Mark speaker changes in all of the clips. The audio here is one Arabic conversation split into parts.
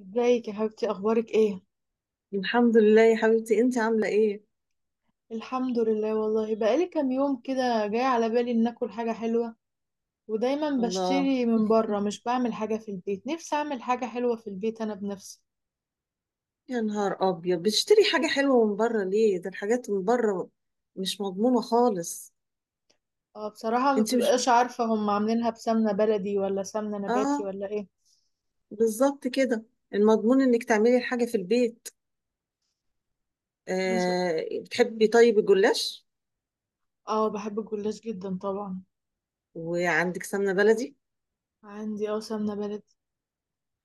Speaker 1: ازيك يا حبيبتي؟ اخبارك ايه؟
Speaker 2: الحمد لله يا حبيبتي، انت عاملة ايه؟
Speaker 1: الحمد لله، والله بقالي كام يوم كده جاي على بالي ان اكل حاجه حلوه، ودايما
Speaker 2: الله،
Speaker 1: بشتري من بره، مش بعمل حاجه في البيت. نفسي اعمل حاجه حلوه في البيت انا بنفسي.
Speaker 2: يا نهار ابيض بتشتري حاجة حلوة من بره ليه؟ ده الحاجات من بره مش مضمونة خالص.
Speaker 1: اه، بصراحه ما
Speaker 2: انت مش
Speaker 1: بتبقاش عارفه هم عاملينها بسمنه بلدي ولا سمنه نباتي
Speaker 2: اه
Speaker 1: ولا ايه.
Speaker 2: بالظبط كده، المضمون انك تعملي الحاجة في البيت.
Speaker 1: مش
Speaker 2: بتحبي طيب الجلاش؟
Speaker 1: اه، بحب الجلاش جدا طبعا.
Speaker 2: وعندك سمنة بلدي؟
Speaker 1: عندي سمنه بلدي.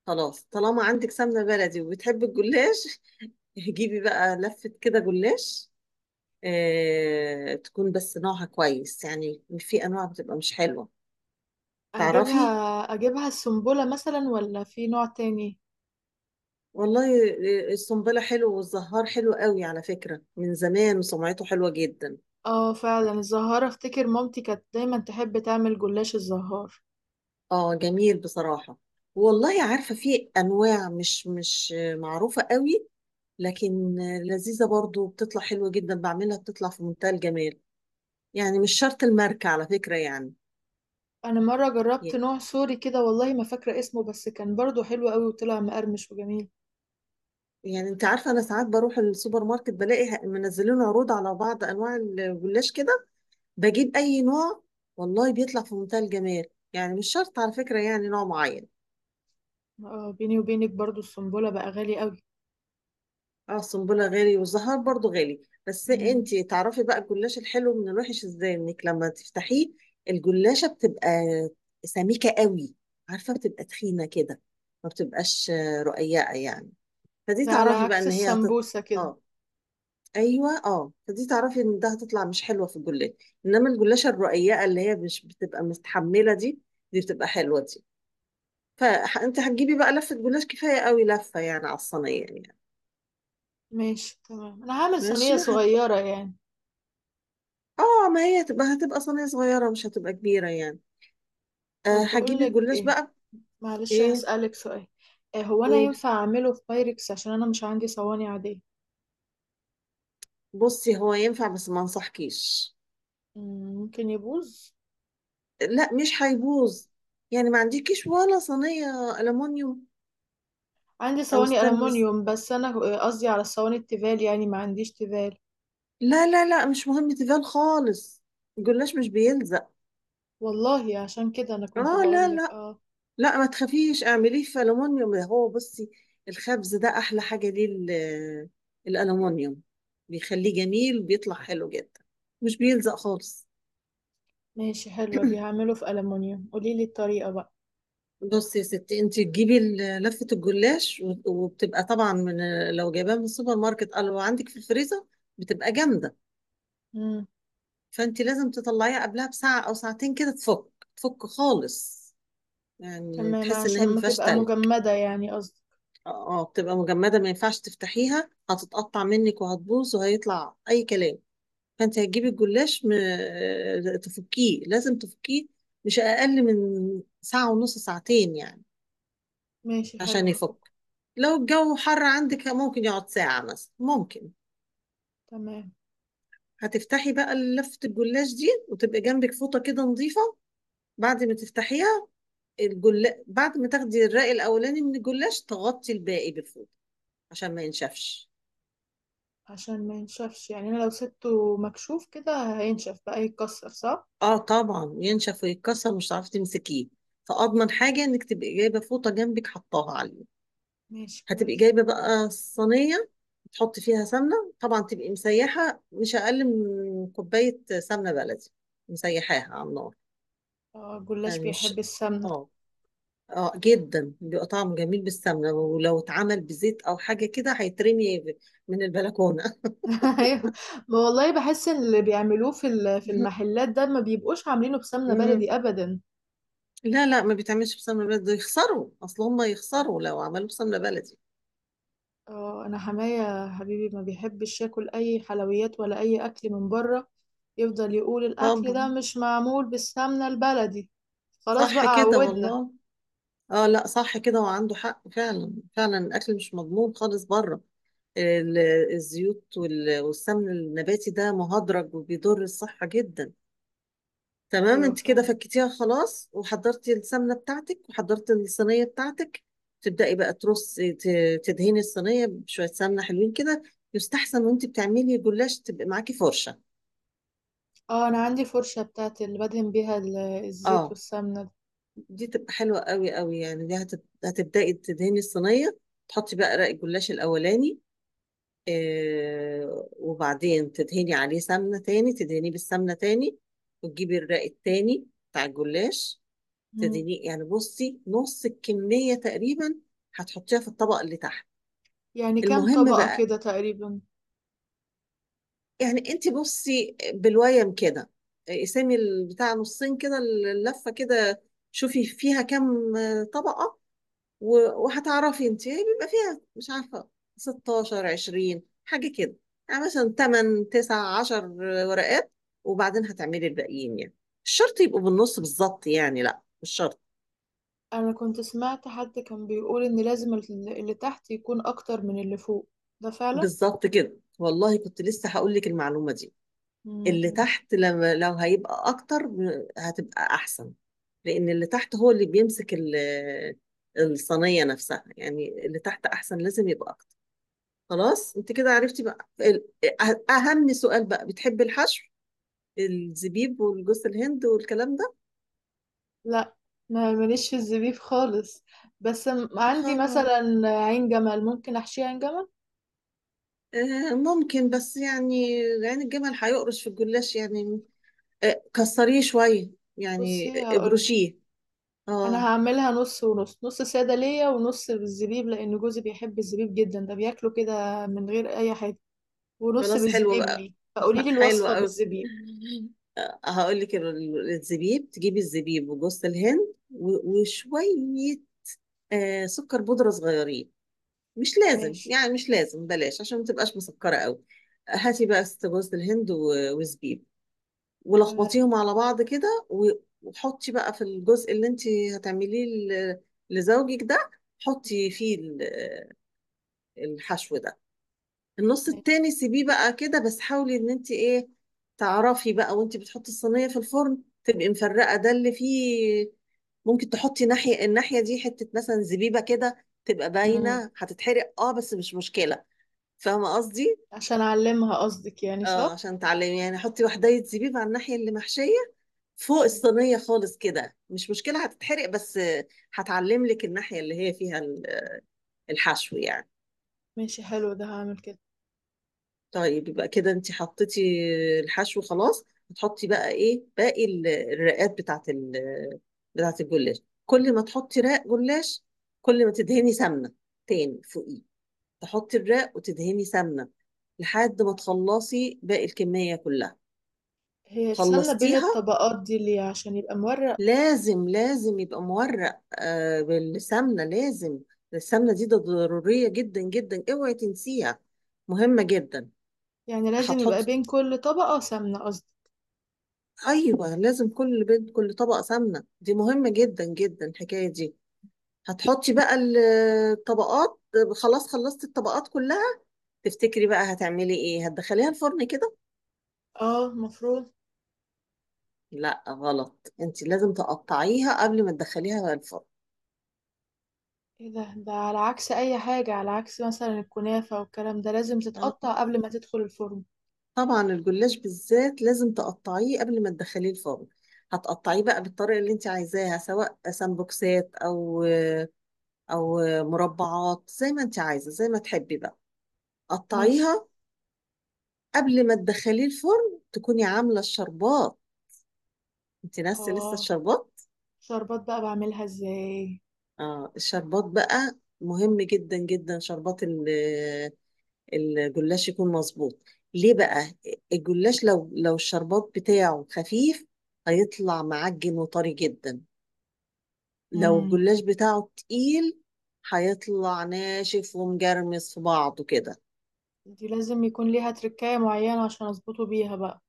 Speaker 2: خلاص، طالما عندك سمنة بلدي وبتحبي الجلاش جيبي بقى لفة كده جلاش. تكون بس نوعها كويس، يعني في انواع بتبقى مش حلوة، تعرفي.
Speaker 1: اجيبها اجيبها السنبله مثلا ولا في نوع تاني؟
Speaker 2: والله الصنبلة حلو والزهار حلو قوي على فكرة، من زمان وسمعته حلوة جدا.
Speaker 1: اه، فعلا الزهارة، افتكر مامتي كانت دايما تحب تعمل جلاش الزهار.
Speaker 2: اه جميل بصراحة. والله عارفة في أنواع مش معروفة قوي، لكن لذيذة برضو، بتطلع حلوة جدا، بعملها بتطلع في منتهى الجمال. يعني مش شرط الماركة على فكرة يعني.
Speaker 1: انا مره جربت نوع سوري كده، والله ما فاكره اسمه، بس كان برضو حلو قوي وطلع مقرمش وجميل.
Speaker 2: يعني انت عارفة انا ساعات بروح السوبر ماركت بلاقي منزلين عروض على بعض انواع الجلاش كده، بجيب اي نوع والله بيطلع في منتهى الجمال. يعني مش شرط على فكرة يعني نوع معين.
Speaker 1: اه، بيني وبينك برضو السنبله بقى غالي قوي.
Speaker 2: اه السنبله غالي والزهر برضو غالي. بس
Speaker 1: مم.
Speaker 2: انتي تعرفي بقى الجلاش الحلو من الوحش ازاي؟ انك لما تفتحيه الجلاشه بتبقى سميكه قوي، عارفه بتبقى تخينه كده، ما بتبقاش رقيقه يعني. فدي
Speaker 1: ده على
Speaker 2: تعرفي بقى
Speaker 1: عكس
Speaker 2: ان هي هتط...
Speaker 1: السمبوسه كده.
Speaker 2: اه ايوه اه، فدي تعرفي ان ده هتطلع مش حلوه في الجلاش. انما الجلاشه الرقيقه اللي هي مش بتبقى مستحمله دي، دي بتبقى حلوه دي. فانت هتجيبي بقى لفه جلاش كفايه قوي لفه، يعني على الصينيه يعني.
Speaker 1: ماشي تمام، انا هعمل
Speaker 2: ماشي.
Speaker 1: صينيه صغيره يعني.
Speaker 2: اه ما هي هتبقى صينية صغيرة، مش هتبقى كبيرة يعني. أه
Speaker 1: طيب، بقول
Speaker 2: هتجيبي
Speaker 1: لك
Speaker 2: الجلاش
Speaker 1: ايه؟
Speaker 2: بقى.
Speaker 1: معلش،
Speaker 2: ايه؟
Speaker 1: هسالك سؤال. إيه هو، انا
Speaker 2: قول.
Speaker 1: ينفع اعمله في بايركس عشان انا مش عندي صواني عاديه؟
Speaker 2: بصي، هو ينفع بس ما انصحكيش.
Speaker 1: ممكن يبوظ.
Speaker 2: لا مش هيبوظ. يعني ما عندكيش ولا صينية ألمونيوم
Speaker 1: عندي
Speaker 2: أو
Speaker 1: صواني
Speaker 2: ستانلس؟
Speaker 1: ألمونيوم، بس أنا قصدي على الصواني التيفال، يعني ما عنديش تيفال.
Speaker 2: لا مش مهم تيفال خالص، الجلاش مش بيلزق.
Speaker 1: والله عشان كده أنا
Speaker 2: اه،
Speaker 1: كنت
Speaker 2: لا
Speaker 1: بقولك
Speaker 2: لا
Speaker 1: اه.
Speaker 2: لا ما تخافيش اعمليه في ألمونيوم. ده هو بصي الخبز ده أحلى حاجة ليه الألمونيوم بيخليه جميل، بيطلع حلو جدا، مش بيلزق خالص.
Speaker 1: ماشي، حلوة دي، هعمله في ألمونيوم. قوليلي الطريقة بقى.
Speaker 2: بصي يا ستي، انت تجيبي لفة الجلاش وبتبقى طبعا من، لو جايباها من السوبر ماركت او لو عندك في الفريزر بتبقى جامدة.
Speaker 1: مم.
Speaker 2: فانت لازم تطلعيها قبلها بساعة او ساعتين كده، تفك تفك خالص، يعني
Speaker 1: تمام،
Speaker 2: تحس ان
Speaker 1: عشان
Speaker 2: هي ما
Speaker 1: ما
Speaker 2: فيهاش
Speaker 1: تبقى
Speaker 2: تلج.
Speaker 1: مجمدة يعني قصدي.
Speaker 2: اه بتبقى مجمدة، ما ينفعش تفتحيها، هتتقطع منك وهتبوظ وهيطلع اي كلام. فانت هتجيبي الجلاش م... اه، تفكيه، لازم تفكيه مش اقل من ساعة ونص، ساعتين يعني،
Speaker 1: ماشي حلو،
Speaker 2: عشان
Speaker 1: هفكه.
Speaker 2: يفك. لو الجو حر عندك ممكن يقعد ساعة مثلا ممكن.
Speaker 1: تمام،
Speaker 2: هتفتحي بقى لفة الجلاش دي وتبقى جنبك فوطة كده نظيفة. بعد ما تفتحيها بعد ما تاخدي الرأي الأولاني من الجلاش تغطي الباقي بالفوطة عشان ما ينشفش.
Speaker 1: عشان ما ينشفش. يعني أنا لو سبته مكشوف كده هينشف بقى يتكسر صح؟
Speaker 2: اه طبعا ينشف ويتكسر، مش هتعرفي تمسكيه. فأضمن حاجة إنك تبقي جايبة فوطة جنبك حطاها عليه.
Speaker 1: ماشي
Speaker 2: هتبقي
Speaker 1: كويس.
Speaker 2: جايبة بقى صينية، تحطي فيها سمنة طبعا، تبقي مسيحة مش أقل من كوباية سمنة بلدي، مسيحاها على النار.
Speaker 1: اه، الجلاش
Speaker 2: يعني مش
Speaker 1: بيحب السمنة.
Speaker 2: اه، اه جدا بيبقى طعمه جميل بالسمنة، ولو اتعمل بزيت او حاجة كده هيترمي من البلكونة
Speaker 1: أيوة. ما والله بحس ان اللي بيعملوه في المحلات ده ما بيبقوش عاملينه بسمنة
Speaker 2: مم.
Speaker 1: بلدي أبدا.
Speaker 2: لا ما بيتعملش بسمنة بلدي، ده يخسروا، اصل هم يخسروا لو عملوا بسمنة بلدي.
Speaker 1: اه، انا حماية حبيبي ما بيحبش ياكل اي حلويات ولا اي اكل من بره، يفضل يقول الاكل ده
Speaker 2: طبعا.
Speaker 1: مش معمول بالسمنة البلدي. خلاص
Speaker 2: صح
Speaker 1: بقى،
Speaker 2: كده
Speaker 1: عودنا.
Speaker 2: والله. اه لا صح كده، وعنده حق فعلا، فعلا الاكل مش مضمون خالص بره. ال- الزيوت والسمن النباتي ده مهدرج وبيضر الصحة جدا. تمام
Speaker 1: ايوه،
Speaker 2: انت كده
Speaker 1: فعلا.
Speaker 2: فكتيها خلاص وحضرتي السمنه بتاعتك وحضرتي الصينيه بتاعتك. تبداي بقى ترصي، تدهني الصينيه بشويه سمنه حلوين كده. يستحسن وانت بتعملي جلاش تبقى معاكي فرشه.
Speaker 1: اه، انا عندي فرشة بتاعت اللي بدهن بيها الزيت
Speaker 2: اه
Speaker 1: والسمنة دي.
Speaker 2: دي تبقى حلوه قوي قوي يعني. دي هتبداي تدهني الصينيه، تحطي بقى رق الجلاش الاولاني. آه وبعدين تدهني عليه سمنه تاني، تدهنيه بالسمنه تاني، وتجيبي الرق التاني بتاع الجلاش.
Speaker 1: مم.
Speaker 2: تديني يعني، بصي، نص الكمية تقريبا هتحطيها في الطبق اللي تحت.
Speaker 1: يعني كام
Speaker 2: المهم
Speaker 1: طبقة
Speaker 2: بقى،
Speaker 1: كده تقريبا؟
Speaker 2: يعني انت بصي بالويم كده قسمي البتاع نصين كده اللفة كده، شوفي فيها كام طبقة، وهتعرفي انت بيبقى فيها، مش عارفة، 16 20 حاجة كده، يعني مثلا 8 9 10 ورقات، وبعدين هتعملي الباقيين يعني. مش شرط يبقوا بالنص بالظبط يعني، لا مش شرط.
Speaker 1: انا كنت سمعت حد كان بيقول ان لازم اللي تحت يكون اكتر من اللي فوق، ده فعلا؟
Speaker 2: بالظبط كده والله، كنت لسه هقول لك المعلومة دي. اللي
Speaker 1: مم.
Speaker 2: تحت لما لو هيبقى اكتر هتبقى احسن، لان اللي تحت هو اللي بيمسك الصينية نفسها. يعني اللي تحت احسن لازم يبقى اكتر. خلاص انت كده عرفتي بقى اهم سؤال بقى: بتحبي الحشو، الزبيب والجوز الهند والكلام ده؟
Speaker 1: لا، ما ماليش في الزبيب خالص، بس
Speaker 2: يا
Speaker 1: عندي
Speaker 2: خبر.
Speaker 1: مثلا عين جمل، ممكن احشيها عين جمل.
Speaker 2: ممكن بس يعني عين الجمل هيقرش في الجلاش يعني، كسريه شوية يعني،
Speaker 1: بصي هقولك،
Speaker 2: اجرشيه.
Speaker 1: انا
Speaker 2: اه
Speaker 1: هعملها نص ونص، نص ساده ليا ونص بالزبيب لان جوزي بيحب الزبيب جدا، ده بياكله كده من غير اي حاجه، ونص
Speaker 2: خلاص، حلو
Speaker 1: بالزبيب
Speaker 2: بقى،
Speaker 1: ليه، فقولي لي
Speaker 2: حلو
Speaker 1: الوصفه
Speaker 2: قوي.
Speaker 1: بالزبيب.
Speaker 2: هقول لك الزبيب، تجيبي الزبيب وجوز الهند وشوية سكر بودرة صغيرين، مش لازم
Speaker 1: ماشي
Speaker 2: يعني، مش لازم، بلاش عشان ما تبقاش مسكرة قوي. هاتي بقى ست جوز الهند وزبيب
Speaker 1: تمام.
Speaker 2: ولخبطيهم على بعض كده وحطي بقى في الجزء اللي انت هتعمليه ل- لزوجك ده، حطي فيه الحشو ده. النص
Speaker 1: ماشي.
Speaker 2: التاني سيبيه بقى كده، بس حاولي ان انت ايه، تعرفي بقى وانت بتحطي الصينية في الفرن تبقي مفرقة ده اللي فيه. ممكن تحطي ناحية، الناحية دي حتة مثلا زبيبة كده تبقى
Speaker 1: امم.
Speaker 2: باينة، هتتحرق اه بس مش مشكلة. فاهمة قصدي؟
Speaker 1: عشان اعلمها قصدك يعني،
Speaker 2: اه
Speaker 1: صح.
Speaker 2: عشان تعلمي يعني، حطي وحداية زبيب على الناحية اللي محشية فوق
Speaker 1: مم.
Speaker 2: الصينية خالص كده، مش مشكلة هتتحرق بس هتعلم لك الناحية اللي هي فيها الحشو يعني.
Speaker 1: ماشي حلو، ده هعمل كده.
Speaker 2: طيب يبقى كده انت حطيتي الحشو خلاص، هتحطي بقى ايه؟ باقي الرقات بتاعت ال بتاعت الجلاش. كل ما تحطي رق جلاش كل ما تدهني سمنة تاني فوقيه، تحطي الرق وتدهني سمنة، لحد ما تخلصي باقي الكمية كلها.
Speaker 1: هي السمنه بين
Speaker 2: خلصتيها.
Speaker 1: الطبقات دي ليه؟ عشان يبقى مورق؟
Speaker 2: لازم يبقى مورق آه بالسمنة لازم، السمنة دي ده ضرورية جدا جدا، اوعي تنسيها، مهمة جدا.
Speaker 1: يعني لازم يبقى
Speaker 2: هتحطي،
Speaker 1: بين كل طبقه سمنه قصدي؟
Speaker 2: ايوه لازم كل بيت، كل طبقه سمنه دي مهمه جدا جدا الحكايه دي. هتحطي بقى الطبقات. خلاص خلصتي الطبقات كلها، تفتكري بقى هتعملي ايه؟ هتدخليها الفرن كده؟
Speaker 1: اه، المفروض.
Speaker 2: لا غلط، انت لازم تقطعيها قبل ما تدخليها الفرن.
Speaker 1: ايه ده على عكس اي حاجة، على عكس مثلا الكنافة والكلام ده لازم
Speaker 2: اه
Speaker 1: تتقطع قبل ما تدخل الفرن.
Speaker 2: طبعا الجلاش بالذات لازم تقطعيه قبل ما تدخليه الفرن. هتقطعيه بقى بالطريقه اللي انت عايزاها، سواء سمبوكسات او او مربعات زي ما انت عايزه، زي ما تحبي بقى
Speaker 1: ماشي.
Speaker 2: قطعيها. قبل ما تدخليه الفرن تكوني عاملة الشربات، انت ناسي لسه
Speaker 1: اه،
Speaker 2: الشربات.
Speaker 1: شربات بقى بعملها ازاي؟
Speaker 2: اه الشربات بقى مهم جدا جدا، شربات الجلاش يكون مظبوط. ليه بقى؟ الجلاش لو، لو الشربات بتاعه خفيف هيطلع معجن وطري جدا، لو
Speaker 1: امم.
Speaker 2: الجلاش بتاعه تقيل هيطلع ناشف ومجرمس في بعضه كده.
Speaker 1: دي لازم يكون ليها تركاية معينة عشان اظبطه بيها بقى؟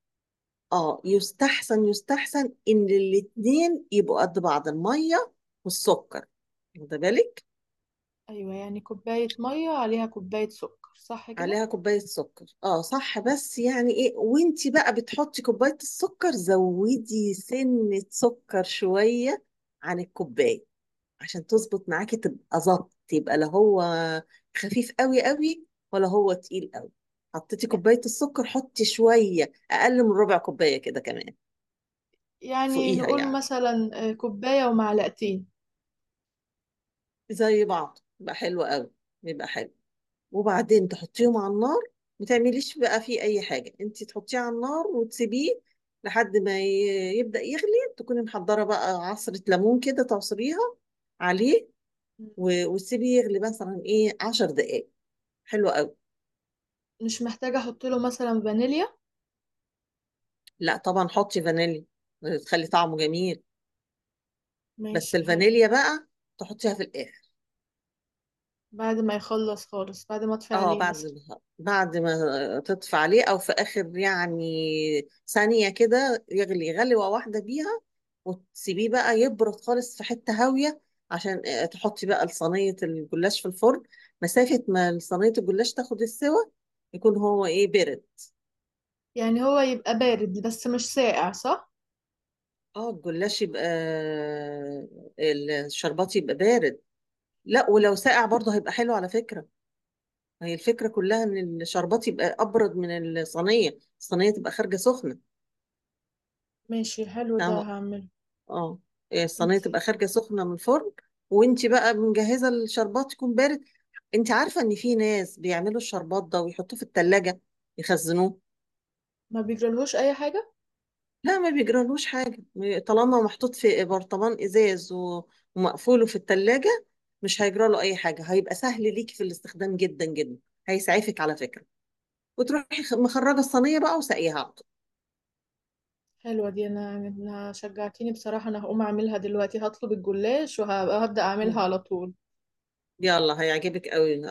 Speaker 2: اه يستحسن، يستحسن ان الاتنين يبقوا قد بعض، المية والسكر، واخده بالك؟
Speaker 1: ايوه، يعني كوباية مية عليها كوباية سكر صح كده؟
Speaker 2: عليها كوباية سكر اه صح، بس يعني ايه، وانتي بقى بتحطي كوباية السكر زودي سنة سكر شوية عن الكوباية عشان تظبط معاكي، تبقى ظبط، يبقى لا هو خفيف قوي قوي ولا هو تقيل قوي. حطيتي
Speaker 1: ي-
Speaker 2: كوباية السكر حطي شوية اقل من ربع كوباية كده كمان،
Speaker 1: يعني
Speaker 2: فوقيها
Speaker 1: نقول
Speaker 2: يعني،
Speaker 1: مثلا كوباية ومعلقتين.
Speaker 2: زي بعض يبقى حلو قوي، يبقى حلو. وبعدين تحطيهم على النار، ما تعمليش بقى فيه اي حاجه، انت تحطيه على النار وتسيبيه لحد ما يبدا يغلي. تكوني محضره بقى عصره ليمون كده، تعصريها عليه
Speaker 1: مم.
Speaker 2: وتسيبيه يغلي مثلا ايه 10 دقائق حلو قوي.
Speaker 1: مش محتاجة احط له مثلا فانيليا؟
Speaker 2: لا طبعا حطي فانيليا، تخلي طعمه جميل. بس
Speaker 1: ماشي حلو.
Speaker 2: الفانيليا بقى تحطيها في الاخر.
Speaker 1: بعد ما يخلص خالص، بعد ما اطفي
Speaker 2: اه
Speaker 1: عليه
Speaker 2: بعد
Speaker 1: مثلا؟
Speaker 2: ما، بعد ما تطفي عليه، او في اخر يعني ثانية كده يغلي غلوة واحدة بيها، وتسيبيه بقى يبرد خالص في حتة هاوية، عشان تحطي بقى صينية الجلاش في الفرن، مسافة ما صينية الجلاش تاخد السوا يكون هو ايه، برد.
Speaker 1: يعني هو يبقى بارد بس مش ساقع صح؟
Speaker 2: اه الجلاش يبقى الشربات يبقى بارد، لا ولو ساقع برضه هيبقى حلو على فكرة. هي الفكرة كلها ان الشربات يبقى ابرد من الصينية، الصينية تبقى خارجة سخنة.
Speaker 1: ماشي حلو، ده
Speaker 2: فاهمة؟
Speaker 1: هعمله.
Speaker 2: اه.
Speaker 1: انت
Speaker 2: الصينيه تبقى خارجه سخنه من الفرن، وانت بقى مجهزه الشربات يكون بارد. انت عارفه ان في ناس بيعملوا الشربات ده ويحطوه في الثلاجه يخزنوه؟
Speaker 1: ما بيجرالهوش اي حاجه؟
Speaker 2: لا ما بيجرالوش حاجه، طالما محطوط في برطمان ازاز ومقفوله في الثلاجه مش هيجراله اي حاجه، هيبقى سهل ليكي في الاستخدام جدا جدا، هيسعفك على فكره، وتروحي مخرجه الصينيه بقى وسقيها على طول.
Speaker 1: حلوه دي، انا شجعتيني بصراحه، انا هقوم اعملها دلوقتي، هطلب الجلاش وهبدا اعملها
Speaker 2: مم.
Speaker 1: على طول.
Speaker 2: يلا هيعجبك قوي،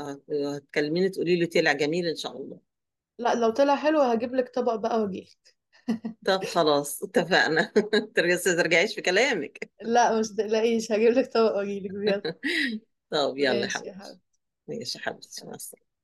Speaker 2: هتكلميني تقولي لي طلع جميل ان شاء الله.
Speaker 1: لا، لو طلع حلو هجيب لك طبق بقى واجيلك.
Speaker 2: طب خلاص اتفقنا. بس ما ترجعيش في كلامك.
Speaker 1: لا، مش تقلقيش، هجيب لك طبق واجيلك بجد.
Speaker 2: طب يلا يا
Speaker 1: ماشي يا حبيبي،
Speaker 2: حبيبتي. ماشي يا
Speaker 1: مع
Speaker 2: حبيبتي، مع
Speaker 1: السلامة.
Speaker 2: السلامة.